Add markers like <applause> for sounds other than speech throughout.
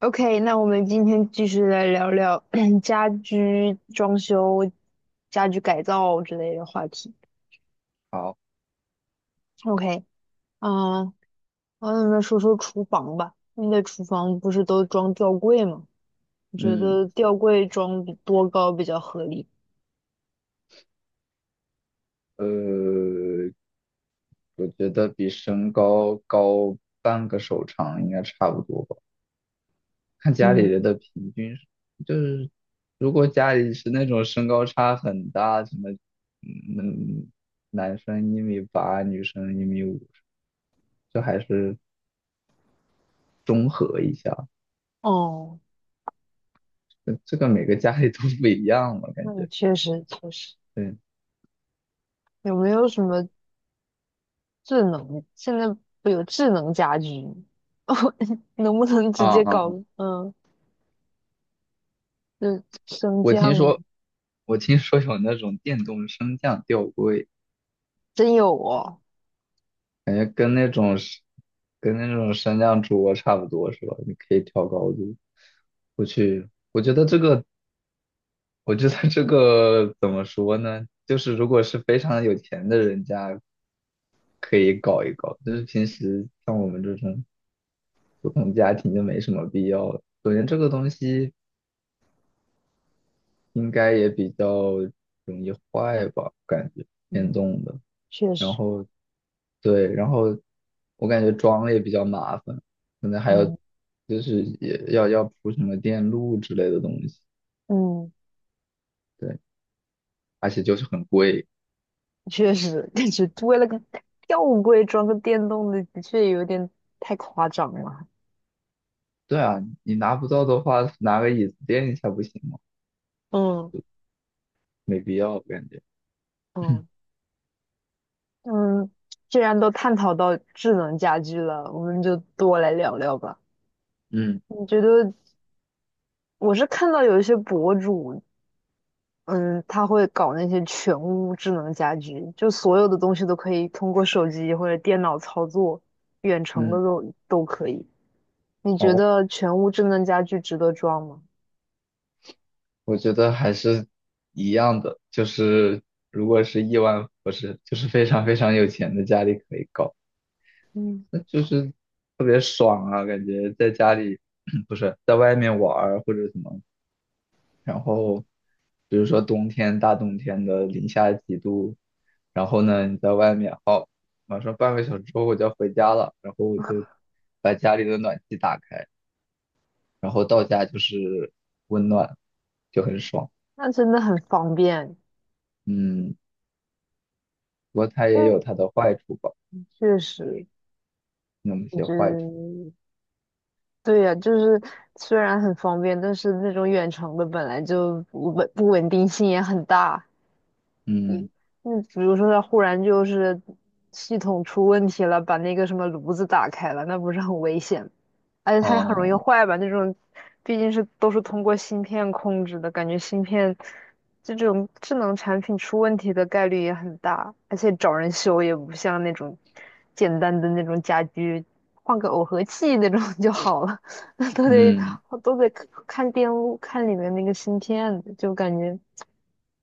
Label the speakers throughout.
Speaker 1: OK，那我们今天继续来聊聊 <clears throat> 家居装修、家居改造之类的话题。
Speaker 2: 好，
Speaker 1: OK，嗯，我们说说厨房吧。你的厨房不是都装吊柜吗？你觉
Speaker 2: 嗯，
Speaker 1: 得吊柜装比多高比较合理？
Speaker 2: 呃，我觉得比身高高半个手长应该差不多吧。看家里
Speaker 1: 嗯，
Speaker 2: 人的平均就是如果家里是那种身高差很大，什么，嗯，男生1.8米，女生1.5米，就还是中和一下。
Speaker 1: 哦，
Speaker 2: 这个每个家里都不一样嘛，感
Speaker 1: 那你
Speaker 2: 觉，
Speaker 1: 确实，
Speaker 2: 对。
Speaker 1: 有没有什么智能？现在不有智能家居吗 <laughs> 哦，能不能直
Speaker 2: 啊
Speaker 1: 接
Speaker 2: 啊，
Speaker 1: 搞
Speaker 2: 啊，
Speaker 1: 嗯，就升
Speaker 2: 我听
Speaker 1: 降？
Speaker 2: 说，我听说有那种电动升降吊柜。
Speaker 1: 真有哦。
Speaker 2: 感觉跟那种升降桌差不多是吧？你可以调高度。我去，我觉得这个，我觉得这个怎么说呢？就是如果是非常有钱的人家，可以搞一搞。就是平时像我们这种普通家庭就没什么必要了。首先，这个东西应该也比较容易坏吧，感觉电
Speaker 1: 嗯
Speaker 2: 动的。
Speaker 1: 确
Speaker 2: 然
Speaker 1: 实，
Speaker 2: 后，对，然后我感觉装了也比较麻烦，可能还要，
Speaker 1: 嗯
Speaker 2: 就是也要铺什么电路之类的东西，
Speaker 1: 嗯，
Speaker 2: 对，而且就是很贵。
Speaker 1: 确实，感觉为了个吊柜装个电动的，的确有点太夸张了。
Speaker 2: 对啊，你拿不到的话，拿个椅子垫一下不行吗？
Speaker 1: 嗯
Speaker 2: 没必要，我感觉。
Speaker 1: 嗯嗯，既然都探讨到智能家居了，我们就多来聊聊吧。
Speaker 2: 嗯。
Speaker 1: 你觉得我是看到有一些博主，嗯，他会搞那些全屋智能家居，就所有的东西都可以通过手机或者电脑操作，远程的
Speaker 2: 嗯，
Speaker 1: 都可以。你觉
Speaker 2: 哦，
Speaker 1: 得全屋智能家居值得装吗？
Speaker 2: 我觉得还是一样的，就是如果是亿万富翁，不是，就是非常非常有钱的家里可以搞，
Speaker 1: 嗯。
Speaker 2: 那就是特别爽啊。感觉在家里 <clears throat> 不是在外面玩儿或者什么，然后比如说冬天，大冬天的零下几度，然后呢你在外面，好，马上半个小时之后我就要回家了，然后我就把家里的暖气打开，然后到家就是温暖，就很爽。
Speaker 1: 那真的很方便。
Speaker 2: 嗯，不过它也
Speaker 1: 嗯，
Speaker 2: 有它的坏处吧，
Speaker 1: 确实，
Speaker 2: 那么
Speaker 1: 我
Speaker 2: 些
Speaker 1: 觉
Speaker 2: 坏处。
Speaker 1: 得对呀、就是虽然很方便，但是那种远程的本来就不稳定性也很大。你，
Speaker 2: 嗯，
Speaker 1: 那比如说它忽然就是系统出问题了，把那个什么炉子打开了，那不是很危险？而且它也很容易
Speaker 2: 哦，
Speaker 1: 坏吧？那种毕竟是都是通过芯片控制的，感觉芯片这种智能产品出问题的概率也很大，而且找人修也不像那种简单的那种家居，换个耦合器那种 <laughs> 就好了，<laughs> 那都得
Speaker 2: 嗯。
Speaker 1: 都得看电路，看里面那个芯片，就感觉。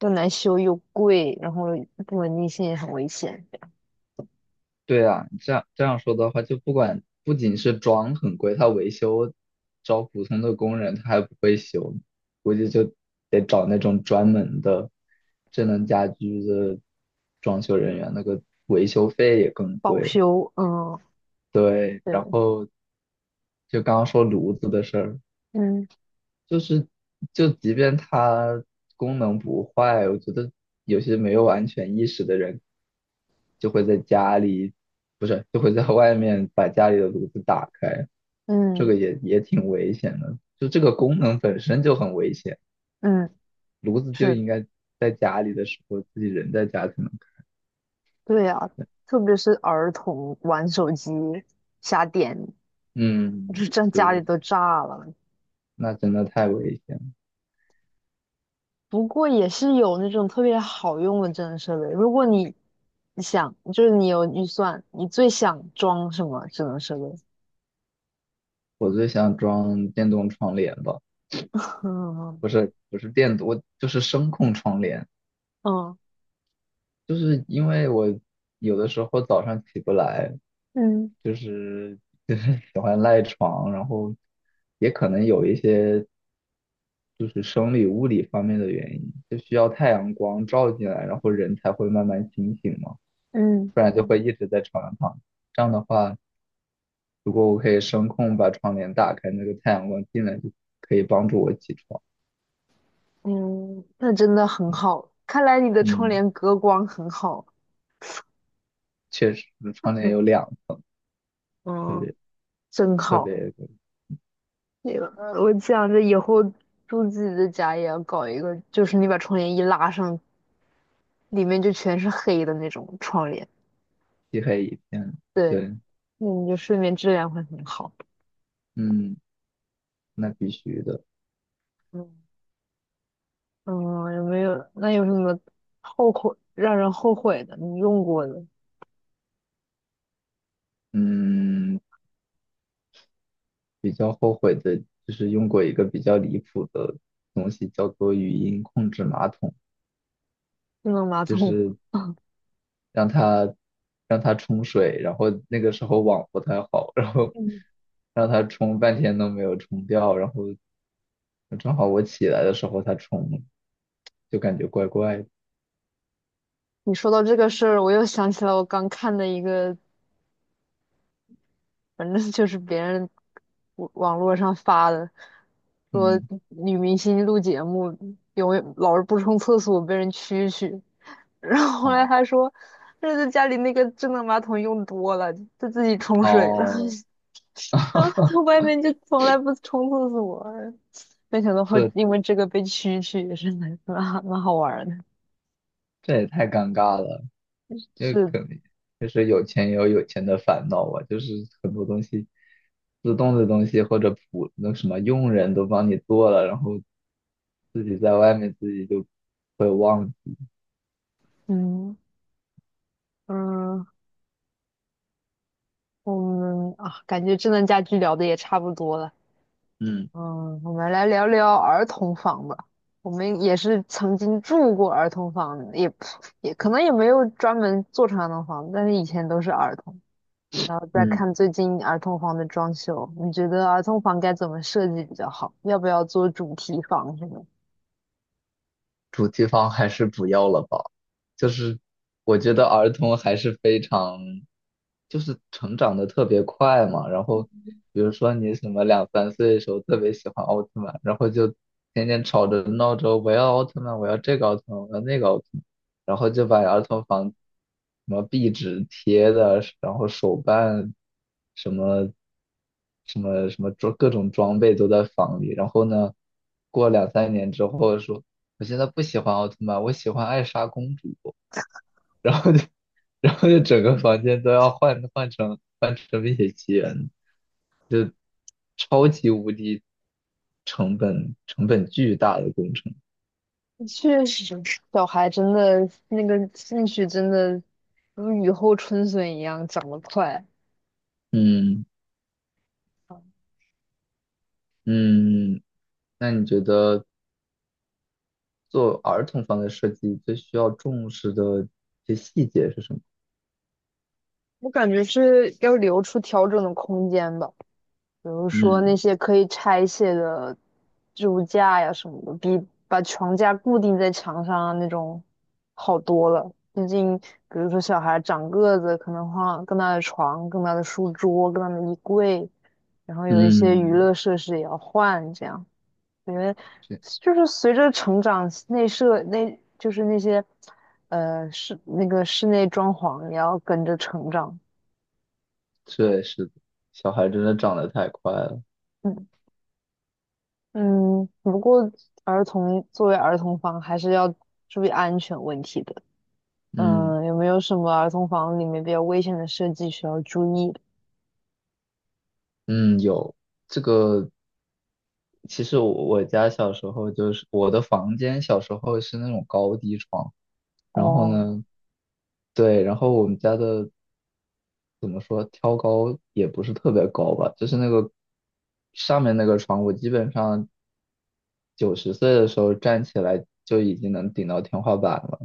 Speaker 1: 又难修又贵，然后不稳定性也很危险，
Speaker 2: 对啊，你这样说的话，就不仅是装很贵，他维修找普通的工人他还不会修，估计就得找那种专门的智能家居的装修人员，那个维修费也更
Speaker 1: 保
Speaker 2: 贵。
Speaker 1: 修，嗯，
Speaker 2: 对，然
Speaker 1: 对，
Speaker 2: 后就刚刚说炉子的事儿，
Speaker 1: 嗯
Speaker 2: 就是就即便它功能不坏，我觉得有些没有安全意识的人就会在家里，不是，就会在外面把家里的炉子打开，这
Speaker 1: 嗯
Speaker 2: 个也挺危险的。就这个功能本身就很危险，
Speaker 1: 嗯，
Speaker 2: 炉子就
Speaker 1: 是，
Speaker 2: 应该在家里的时候自己人在家才能开。
Speaker 1: 对啊，特别是儿童玩手机瞎点，
Speaker 2: 嗯，
Speaker 1: 就让
Speaker 2: 对
Speaker 1: 家里
Speaker 2: 对，
Speaker 1: 都炸了。
Speaker 2: 那真的太危险了。
Speaker 1: 不过也是有那种特别好用的智能设备，如果你想，就是你有预算，你最想装什么智能设备？
Speaker 2: 我最想装电动窗帘吧，
Speaker 1: <laughs> 嗯
Speaker 2: 不是，不是电，我就是声控窗帘。
Speaker 1: 嗯
Speaker 2: 就是因为我有的时候早上起不来，
Speaker 1: 嗯
Speaker 2: 就是 <laughs> 就是喜欢赖床，然后也可能有一些就是生理物理方面的原因，就需要太阳光照进来，然后人才会慢慢清醒嘛，
Speaker 1: 嗯
Speaker 2: 不然就会一直在床上躺着。这样的话，如果我可以声控把窗帘打开，那个太阳光进来就可以帮助我起床。
Speaker 1: 嗯，嗯那真的很好。看来你的窗
Speaker 2: 嗯，
Speaker 1: 帘隔光很好。
Speaker 2: 确实，窗帘有两个，特
Speaker 1: 嗯，
Speaker 2: 别
Speaker 1: 真
Speaker 2: 特
Speaker 1: 好。
Speaker 2: 别
Speaker 1: 那个，我想着以后住自己的家也要搞一个，就是你把窗帘一拉上，里面就全是黑的那种窗帘。
Speaker 2: 漆黑一片。
Speaker 1: 对，
Speaker 2: 对，
Speaker 1: 那你就睡眠质量会很好。
Speaker 2: 嗯。那必须的。
Speaker 1: 嗯嗯，有没有？那有什么后悔让人后悔的？你用过的
Speaker 2: 嗯，比较后悔的就是用过一个比较离谱的东西，叫做语音控制马桶，
Speaker 1: 智能马
Speaker 2: 就
Speaker 1: 桶？
Speaker 2: 是让它让它冲水，然后那个时候网不太好，然后
Speaker 1: 嗯，
Speaker 2: 让它冲半天都没有冲掉，然后正好我起来的时候它冲了，就感觉怪怪的。
Speaker 1: 你说到这个事儿，我又想起来我刚看的一个反正 <laughs> 就是别人网络上发的，说
Speaker 2: 嗯，
Speaker 1: 女明星录节目永远老是不冲厕所被人蛐蛐，然后后来
Speaker 2: 哦
Speaker 1: 他说这是家里那个智能马桶用多了，就自己冲水了，
Speaker 2: 哦，
Speaker 1: <laughs> 然后
Speaker 2: <laughs>
Speaker 1: 他在外面就从来不冲厕所，没想到会
Speaker 2: 这
Speaker 1: 因为这个被蛐蛐，也是蛮好玩儿的，
Speaker 2: 这也太尴尬了。这个
Speaker 1: 是
Speaker 2: 可能就是有钱也有有钱的烦恼吧，就是很多东西，自动的东西或者普那什么佣人都帮你做了，然后自己在外面自己就会忘记，
Speaker 1: 嗯嗯，我们啊，感觉智能家居聊的也差不多了。
Speaker 2: 嗯。
Speaker 1: 嗯，我们来聊聊儿童房吧。我们也是曾经住过儿童房的也可能也没有专门做成儿童房，但是以前都是儿童。然后再
Speaker 2: 嗯。
Speaker 1: 看最近儿童房的装修，你觉得儿童房该怎么设计比较好？要不要做主题房什么
Speaker 2: 主题房还是不要了吧。就是我觉得儿童还是非常，就是成长的特别快嘛。然后比如说你什么两三岁的时候特别喜欢奥特曼，然后就天天吵着闹着我要奥特曼，我要这个奥特曼，我要那个奥特曼，然后就把儿童房什么壁纸贴的，然后手办，什么什么什么装，各种装备都在房里。然后呢，过两三年之后说，我现在不喜欢奥特曼，我喜欢艾莎公主。然后就 <laughs>，然后就整个房间都要换成《冰雪奇缘》，就超级无敌成本巨大的工程。
Speaker 1: 的确实，小孩真的那个兴趣真的如雨后春笋一样长得快。
Speaker 2: 嗯。嗯，那你觉得做儿童房的设计最需要重视的一些细节是什么？
Speaker 1: 我感觉是要留出调整的空间吧。比如说那
Speaker 2: 嗯。
Speaker 1: 些可以拆卸的置物架呀什么的，比把床架固定在墙上啊那种好多了。毕竟，比如说小孩长个子，可能换更大的床、更大的书桌、更大的衣柜，然后有一些娱
Speaker 2: 嗯，
Speaker 1: 乐设施也要换，这样因为
Speaker 2: 这
Speaker 1: 就是随着成长，内设内就是那些室那个室内装潢也要跟着成长。
Speaker 2: 这也是的，小孩真的长得太快了。
Speaker 1: 嗯。嗯，不过儿童房还是要注意安全问题的。
Speaker 2: 嗯。
Speaker 1: 嗯，有没有什么儿童房里面比较危险的设计需要注意的？
Speaker 2: 嗯，有这个，其实我家小时候就是我的房间，小时候是那种高低床，然后
Speaker 1: 哦
Speaker 2: 呢，对，然后我们家的怎么说，挑高也不是特别高吧，就是那个上面那个床，我基本上9、10岁的时候站起来就已经能顶到天花板了，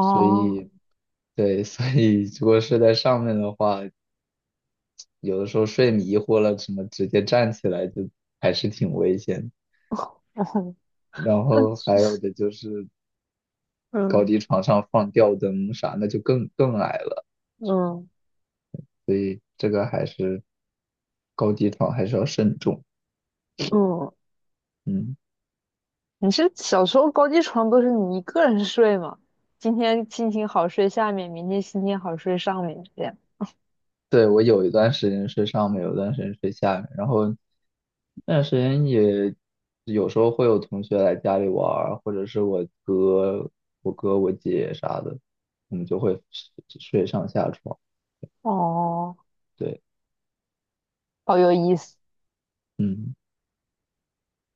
Speaker 2: 所以对，<laughs> 所以如果睡在上面的话，有的时候睡迷糊了，什么直接站起来，就还是挺危险的，然
Speaker 1: <laughs> 那
Speaker 2: 后还有的就是高
Speaker 1: 嗯
Speaker 2: 低床上放吊灯啥，那就更矮了。
Speaker 1: 嗯
Speaker 2: 所以这个还是高低床还是要慎重。
Speaker 1: 嗯，
Speaker 2: 嗯，
Speaker 1: 你是小时候高低床都是你一个人睡吗？今天心情好睡下面，明天心情好睡上面，这样。
Speaker 2: 对，我有一段时间睡上面，有一段时间睡下面，然后那段时间也有时候会有同学来家里玩儿或者是我哥、我姐啥的，我们就会睡上下床。
Speaker 1: 哦，
Speaker 2: 对，
Speaker 1: 好有意思。
Speaker 2: 嗯。